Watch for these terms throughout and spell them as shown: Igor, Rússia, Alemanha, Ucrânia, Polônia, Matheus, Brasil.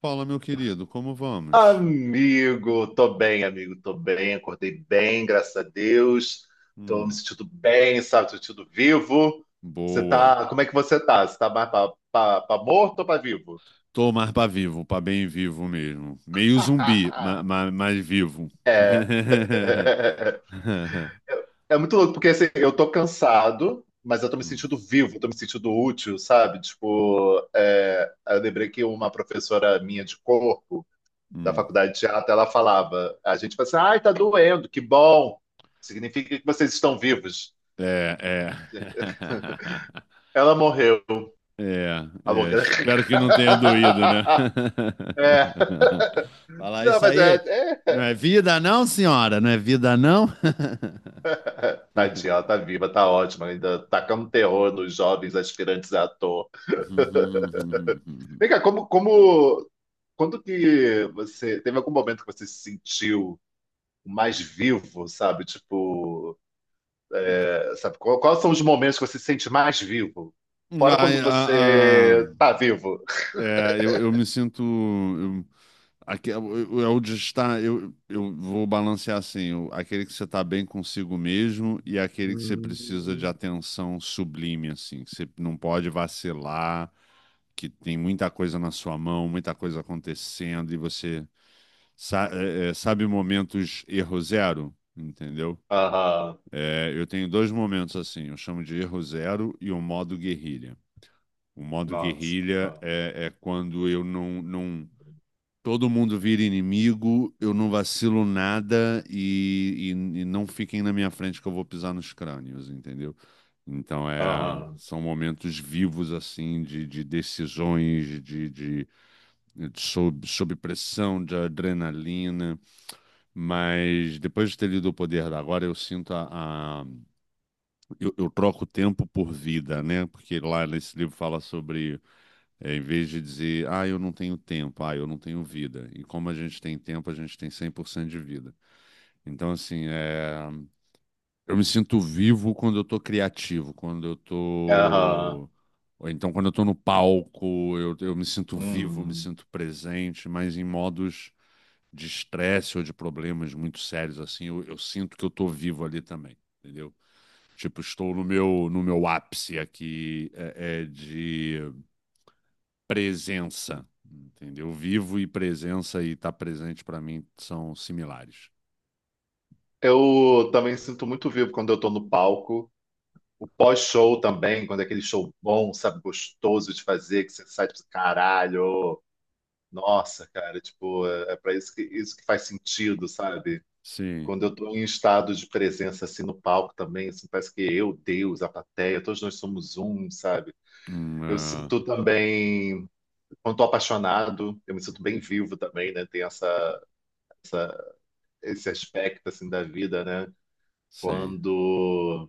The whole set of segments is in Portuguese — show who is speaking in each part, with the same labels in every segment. Speaker 1: Fala, meu querido, como vamos?
Speaker 2: Amigo, tô bem, acordei bem, graças a Deus. Tô me
Speaker 1: Hum,
Speaker 2: sentindo bem, sabe, tô me sentindo vivo. Você
Speaker 1: boa.
Speaker 2: tá, como é que você tá? Você tá mais pra morto ou pra vivo?
Speaker 1: Tô mais pra vivo, pra bem vivo mesmo. Meio zumbi, mas vivo.
Speaker 2: É. É muito louco, porque assim, eu tô cansado, mas eu tô me
Speaker 1: Hum,
Speaker 2: sentindo vivo, tô me sentindo útil, sabe? Tipo, eu lembrei que uma professora minha de corpo da
Speaker 1: hum.
Speaker 2: faculdade de teatro, ela falava. A gente falava assim, ai, tá doendo, que bom. Significa que vocês estão vivos.
Speaker 1: É, é.
Speaker 2: Ela morreu.
Speaker 1: É,
Speaker 2: A
Speaker 1: é.
Speaker 2: louca.
Speaker 1: Espero que não tenha doído, né?
Speaker 2: É,
Speaker 1: Falar
Speaker 2: não,
Speaker 1: isso
Speaker 2: mas é,
Speaker 1: aí. Não
Speaker 2: é.
Speaker 1: é vida, não, senhora? Não é vida, não?
Speaker 2: Tadinha, ela tá viva, tá ótima, ainda tacando terror nos jovens aspirantes a ator. Vem cá, quando que você, teve algum momento que você se sentiu mais vivo, sabe? Tipo, é, sabe, quais são os momentos que você se sente mais vivo? Fora quando
Speaker 1: A, a- a-
Speaker 2: você tá vivo.
Speaker 1: eu me sinto. Aqui, eu de estar- eu vou balancear assim: aquele que você está bem consigo mesmo e aquele que você precisa de
Speaker 2: Hum.
Speaker 1: atenção sublime, assim, que você não pode vacilar, que tem muita coisa na sua mão, muita coisa acontecendo e você sabe momentos erro zero, entendeu?
Speaker 2: Aham,
Speaker 1: É, eu tenho dois momentos assim: eu chamo de erro zero e o modo guerrilha. O modo
Speaker 2: nossa.
Speaker 1: guerrilha
Speaker 2: Aham,
Speaker 1: é quando eu não, não. Todo mundo vira inimigo, eu não vacilo nada e não fiquem na minha frente que eu vou pisar nos crânios, entendeu? Então é,
Speaker 2: aham.
Speaker 1: são momentos vivos assim de decisões, de sob pressão, de adrenalina. Mas depois de ter lido O Poder da Agora, eu sinto. Eu troco tempo por vida, né? Porque lá nesse livro fala sobre em vez de dizer, ah, eu não tenho tempo, ah, eu não tenho vida. E como a gente tem tempo, a gente tem 100% de vida. Então, assim, eu me sinto vivo quando eu tô criativo, quando eu tô.
Speaker 2: Aham.
Speaker 1: Ou então, quando eu tô no palco, eu me sinto vivo, me
Speaker 2: Hum.
Speaker 1: sinto presente, mas em modos de estresse ou de problemas muito sérios, assim, eu sinto que eu tô vivo ali também, entendeu? Tipo, estou no meu ápice aqui de presença, entendeu? Vivo e presença e estar presente para mim são similares.
Speaker 2: Eu também sinto muito vivo quando eu tô no palco. O pós-show também, quando é aquele show bom, sabe, gostoso de fazer, que você sai tipo, caralho, nossa, cara, tipo, é, é para isso que faz sentido, sabe?
Speaker 1: Sim.
Speaker 2: Quando eu tô em estado de presença assim no palco também, assim, parece que eu, Deus, a plateia, todos nós somos um, sabe? Eu
Speaker 1: É,
Speaker 2: sinto também quando estou apaixonado, eu me sinto bem vivo também, né? Tem essa, essa- esse aspecto assim da vida, né?
Speaker 1: sim.
Speaker 2: Quando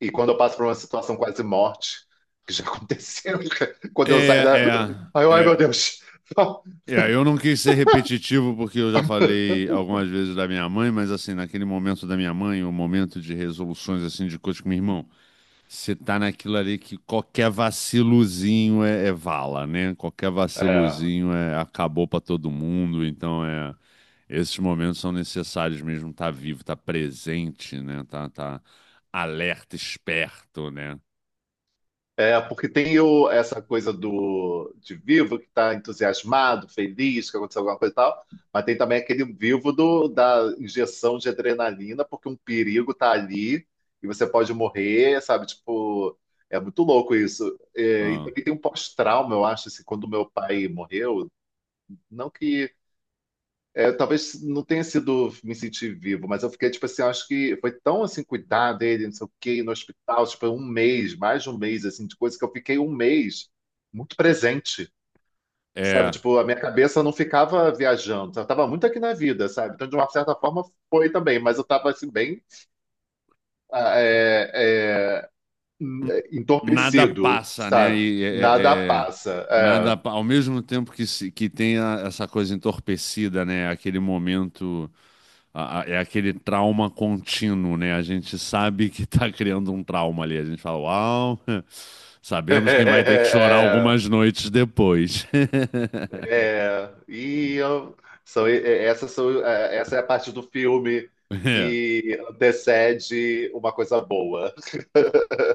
Speaker 2: E quando eu passo por uma situação quase morte, que já aconteceu, quando eu saio
Speaker 1: É,
Speaker 2: da,
Speaker 1: é,
Speaker 2: ai, ai meu
Speaker 1: é,
Speaker 2: Deus.
Speaker 1: é. Eu não quis ser repetitivo porque eu já falei algumas vezes da minha mãe, mas assim, naquele momento da minha mãe, o momento de resoluções assim de coisas com meu irmão. Você tá naquilo ali que qualquer vaciluzinho é vala, né? Qualquer
Speaker 2: É.
Speaker 1: vaciluzinho é, acabou pra todo mundo, então é esses momentos são necessários mesmo, tá vivo, tá presente, né? Tá, tá alerta, esperto, né?
Speaker 2: É, porque tem o, essa coisa do de vivo que está entusiasmado, feliz, que aconteceu alguma coisa e tal, mas tem também aquele vivo do, da injeção de adrenalina, porque um perigo está ali e você pode morrer, sabe? Tipo, é muito louco isso. É, e
Speaker 1: Ah,
Speaker 2: também tem um pós-trauma, eu acho, assim, quando meu pai morreu, não que talvez não tenha sido me sentir vivo, mas eu fiquei, tipo assim, acho que foi tão, assim, cuidar dele, não sei o quê, no hospital, tipo, um mês, mais de um mês, assim, de coisa que eu fiquei um mês muito presente, sabe?
Speaker 1: é,
Speaker 2: Tipo, a minha cabeça não ficava viajando, sabe? Eu tava muito aqui na vida, sabe? Então, de uma certa forma, foi também, mas eu tava, assim, bem ah, é, é,
Speaker 1: n- nada
Speaker 2: entorpecido,
Speaker 1: passa, né?
Speaker 2: sabe?
Speaker 1: E é,
Speaker 2: Nada
Speaker 1: é- é-
Speaker 2: passa,
Speaker 1: nada, ao mesmo tempo que que tem essa coisa entorpecida, né? Aquele momento é aquele trauma contínuo, né? A gente sabe que tá criando um trauma ali. A gente fala, uau, sabemos quem vai ter que chorar
Speaker 2: é.
Speaker 1: algumas noites depois.
Speaker 2: É, essas são, essa é a parte do filme
Speaker 1: É,
Speaker 2: que antecede uma coisa boa.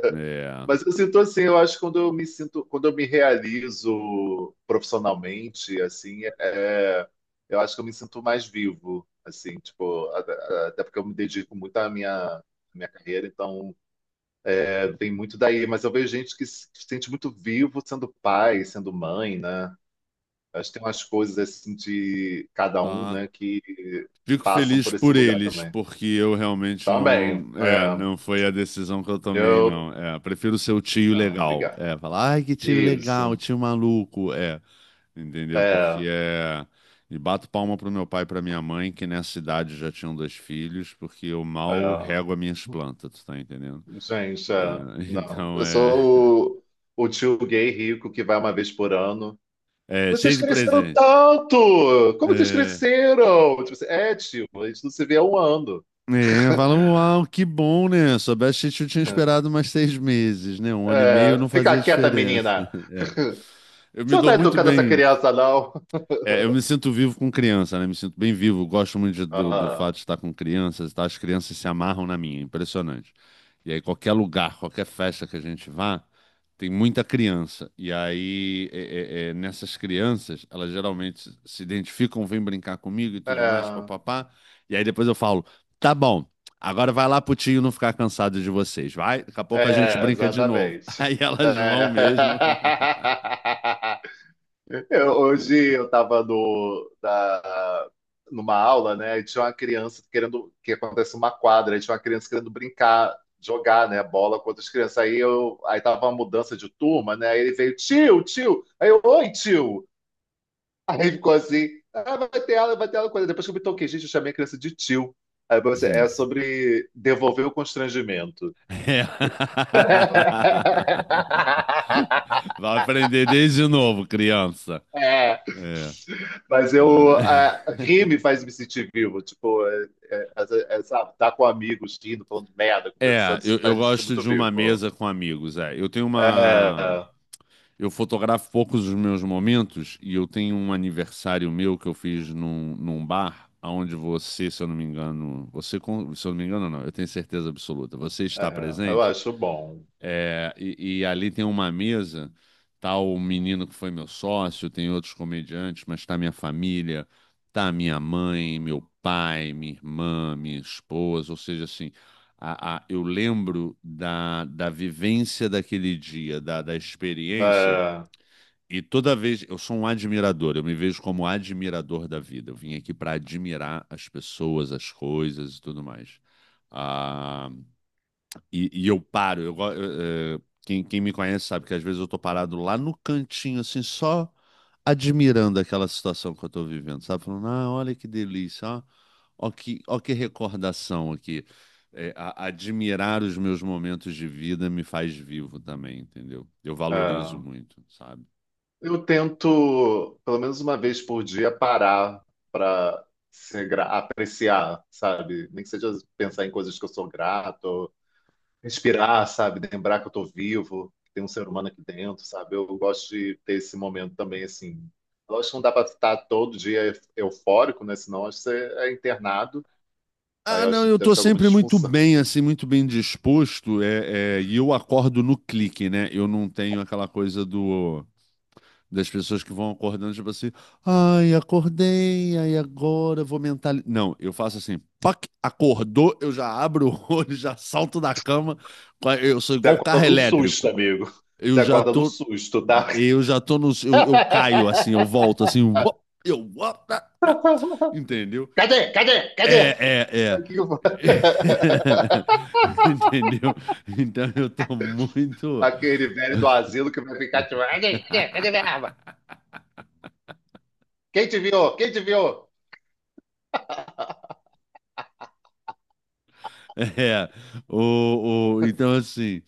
Speaker 1: é.
Speaker 2: Mas eu sinto assim, eu acho que quando eu me sinto, quando eu me realizo profissionalmente, assim, eu acho que eu me sinto mais vivo, assim, tipo, até porque eu me dedico muito à minha carreira, então é, tem muito daí. Mas eu vejo gente que se sente muito vivo sendo pai, sendo mãe, né? Acho que tem umas coisas assim de cada um,
Speaker 1: Ah,
Speaker 2: né, que
Speaker 1: fico
Speaker 2: passam
Speaker 1: feliz
Speaker 2: por esse
Speaker 1: por
Speaker 2: lugar
Speaker 1: eles,
Speaker 2: também.
Speaker 1: porque eu realmente
Speaker 2: Também,
Speaker 1: não, é,
Speaker 2: é.
Speaker 1: não foi a decisão que eu tomei,
Speaker 2: Eu,
Speaker 1: não. É, prefiro ser o tio
Speaker 2: não,
Speaker 1: legal.
Speaker 2: obrigado.
Speaker 1: É, falar, ai, que tio legal,
Speaker 2: Isso,
Speaker 1: tio maluco. É. Entendeu? Porque
Speaker 2: é,
Speaker 1: é. E bato palma pro meu pai e pra minha mãe, que nessa idade já tinham dois filhos, porque eu mal
Speaker 2: é.
Speaker 1: rego as minhas plantas, tu tá entendendo?
Speaker 2: Gente, é.
Speaker 1: É,
Speaker 2: Não.
Speaker 1: então
Speaker 2: Eu
Speaker 1: é.
Speaker 2: sou o tio gay rico que vai uma vez por ano.
Speaker 1: É,
Speaker 2: Vocês
Speaker 1: cheio de
Speaker 2: cresceram
Speaker 1: presente.
Speaker 2: tanto! Como vocês
Speaker 1: É.
Speaker 2: cresceram? Tipo assim, é, tio, a gente não se vê há um ano.
Speaker 1: É, fala, uau, que bom, né? Soubesse que eu tinha esperado mais 6 meses, né? Um ano e meio
Speaker 2: É,
Speaker 1: não
Speaker 2: fica
Speaker 1: fazia
Speaker 2: quieta,
Speaker 1: diferença.
Speaker 2: menina.
Speaker 1: É. Eu
Speaker 2: Você
Speaker 1: me
Speaker 2: não
Speaker 1: dou
Speaker 2: tá
Speaker 1: muito
Speaker 2: educando essa
Speaker 1: bem.
Speaker 2: criança, não.
Speaker 1: É, eu me sinto vivo com criança, né? Me sinto bem vivo. Gosto muito do fato
Speaker 2: Ah,
Speaker 1: de estar com crianças, tá? As crianças se amarram na minha, impressionante. E aí, qualquer lugar, qualquer festa que a gente vá, tem muita criança. E aí, nessas crianças, elas geralmente se identificam, vêm brincar comigo e tudo mais,
Speaker 2: é.
Speaker 1: papapá. E aí, depois eu falo: tá bom, agora vai lá pro tio não ficar cansado de vocês, vai? Daqui a pouco a gente
Speaker 2: É,
Speaker 1: brinca de novo.
Speaker 2: exatamente.
Speaker 1: Aí elas vão mesmo.
Speaker 2: É. Hoje eu estava no, da, numa aula, né? E tinha uma criança querendo que acontece uma quadra, e tinha uma criança querendo brincar, jogar, né, bola com outras crianças. Aí eu, aí tava uma mudança de turma, né? Aí ele veio, tio, tio. Aí eu, oi, tio. Aí ficou assim, ah, vai ter aula, vai ter aula. Depois que eu me toquei, gente, eu chamei a criança de tio. Aí você, é sobre devolver o constrangimento.
Speaker 1: É. Vai aprender desde novo, criança.
Speaker 2: É,
Speaker 1: É,
Speaker 2: mas
Speaker 1: é,
Speaker 2: rir me faz me sentir vivo, tipo, sabe, tá com amigos, rindo, falando merda,
Speaker 1: É,
Speaker 2: conversando, isso
Speaker 1: eu,
Speaker 2: me
Speaker 1: eu
Speaker 2: faz me sentir
Speaker 1: gosto
Speaker 2: muito
Speaker 1: de uma
Speaker 2: vivo.
Speaker 1: mesa com amigos. É, eu tenho uma.
Speaker 2: É,
Speaker 1: Eu fotografo poucos dos meus momentos e eu tenho um aniversário meu que eu fiz num, num bar, onde você, se eu não me engano, você, se eu não me engano, não, eu tenho certeza absoluta, você está
Speaker 2: é, eu
Speaker 1: presente.
Speaker 2: acho bom.
Speaker 1: É, e ali tem uma mesa, tá o menino que foi meu sócio, tem outros comediantes, mas tá minha família, tá minha mãe, meu pai, minha irmã, minha esposa, ou seja, assim, eu lembro da, da vivência daquele dia, da, da experiência,
Speaker 2: É,
Speaker 1: e toda vez, eu sou um admirador, eu me vejo como admirador da vida, eu vim aqui para admirar as pessoas, as coisas e tudo mais. Ah, e eu paro. Eu, quem, quem me conhece sabe que às vezes eu tô parado lá no cantinho, assim, só admirando aquela situação que eu tô vivendo, sabe? Falando, ah, olha que delícia, ó, ó que recordação aqui. Admirar os meus momentos de vida me faz vivo também, entendeu? Eu valorizo
Speaker 2: é.
Speaker 1: muito, sabe?
Speaker 2: Eu tento, pelo menos uma vez por dia, parar para apreciar, sabe? Nem que seja pensar em coisas que eu sou grato, respirar, sabe? Lembrar que eu tô vivo, que tem um ser humano aqui dentro, sabe? Eu gosto de ter esse momento também, assim. Lógico que não dá para estar todo dia eufórico, né? Senão acho que você é internado. Aí
Speaker 1: Ah,
Speaker 2: eu acho
Speaker 1: não, eu
Speaker 2: que deve
Speaker 1: tô
Speaker 2: ser alguma
Speaker 1: sempre muito
Speaker 2: disfunção.
Speaker 1: bem, assim, muito bem disposto, é, é, e eu acordo no clique, né? Eu não tenho aquela coisa do. Das pessoas que vão acordando, tipo assim, ai, acordei, ai, agora eu vou mentalizar. Não, eu faço assim, pac, acordou, eu já abro o olho, já salto da cama, eu sou
Speaker 2: Você
Speaker 1: igual carro
Speaker 2: acorda no susto,
Speaker 1: elétrico.
Speaker 2: amigo. Você
Speaker 1: Eu já
Speaker 2: acorda no
Speaker 1: tô,
Speaker 2: susto, tá?
Speaker 1: eu já tô no, eu caio assim, eu volto assim, uop, eu, uop, tá, tá. Entendeu?
Speaker 2: Cadê? Cadê? Cadê?
Speaker 1: É, é, é.
Speaker 2: Aqui o-
Speaker 1: Entendeu? Então eu tô muito.
Speaker 2: Aquele velho do asilo que vai ficar tipo, cadê? Cadê? Cadê minha arma? Quem te viu? Quem te viu?
Speaker 1: É, o, então assim,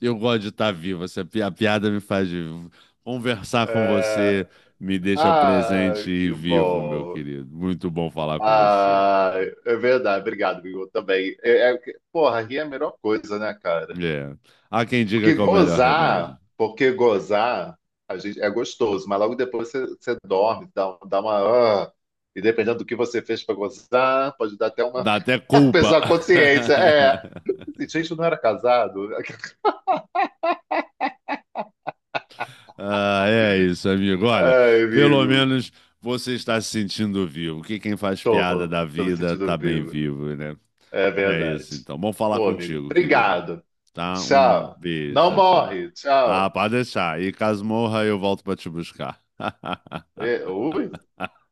Speaker 1: eu gosto de estar vivo, a piada me faz vivo. Conversar com
Speaker 2: É...
Speaker 1: você me deixa
Speaker 2: Ah,
Speaker 1: presente e
Speaker 2: que
Speaker 1: vivo, meu
Speaker 2: bom.
Speaker 1: querido. Muito bom falar com você.
Speaker 2: Ah, é verdade, obrigado, Igor, também. Porra, rir é a melhor coisa, né, cara?
Speaker 1: É. Há quem diga que é o melhor remédio.
Speaker 2: Porque gozar, a gente, é gostoso, mas logo depois você, você dorme, dá uma. Ah, e dependendo do que você fez pra gozar, pode dar até uma
Speaker 1: Dá até culpa.
Speaker 2: pessoa consciência. É, assim, gente, eu não era casado.
Speaker 1: Ah, é isso, amigo. Olha,
Speaker 2: Ai,
Speaker 1: pelo
Speaker 2: amigo,
Speaker 1: menos você está se sentindo vivo. Que quem faz piada da
Speaker 2: tô me
Speaker 1: vida tá
Speaker 2: sentindo
Speaker 1: bem
Speaker 2: vivo.
Speaker 1: vivo, né?
Speaker 2: É
Speaker 1: É
Speaker 2: verdade.
Speaker 1: isso, então. Bom falar
Speaker 2: Pô, amigo,
Speaker 1: contigo, querido.
Speaker 2: obrigado.
Speaker 1: Tá? Um
Speaker 2: Tchau.
Speaker 1: beijo,
Speaker 2: Não
Speaker 1: tchau, tchau.
Speaker 2: morre.
Speaker 1: Ah,
Speaker 2: Tchau.
Speaker 1: pode deixar. E caso morra, eu volto para te buscar.
Speaker 2: E, ui.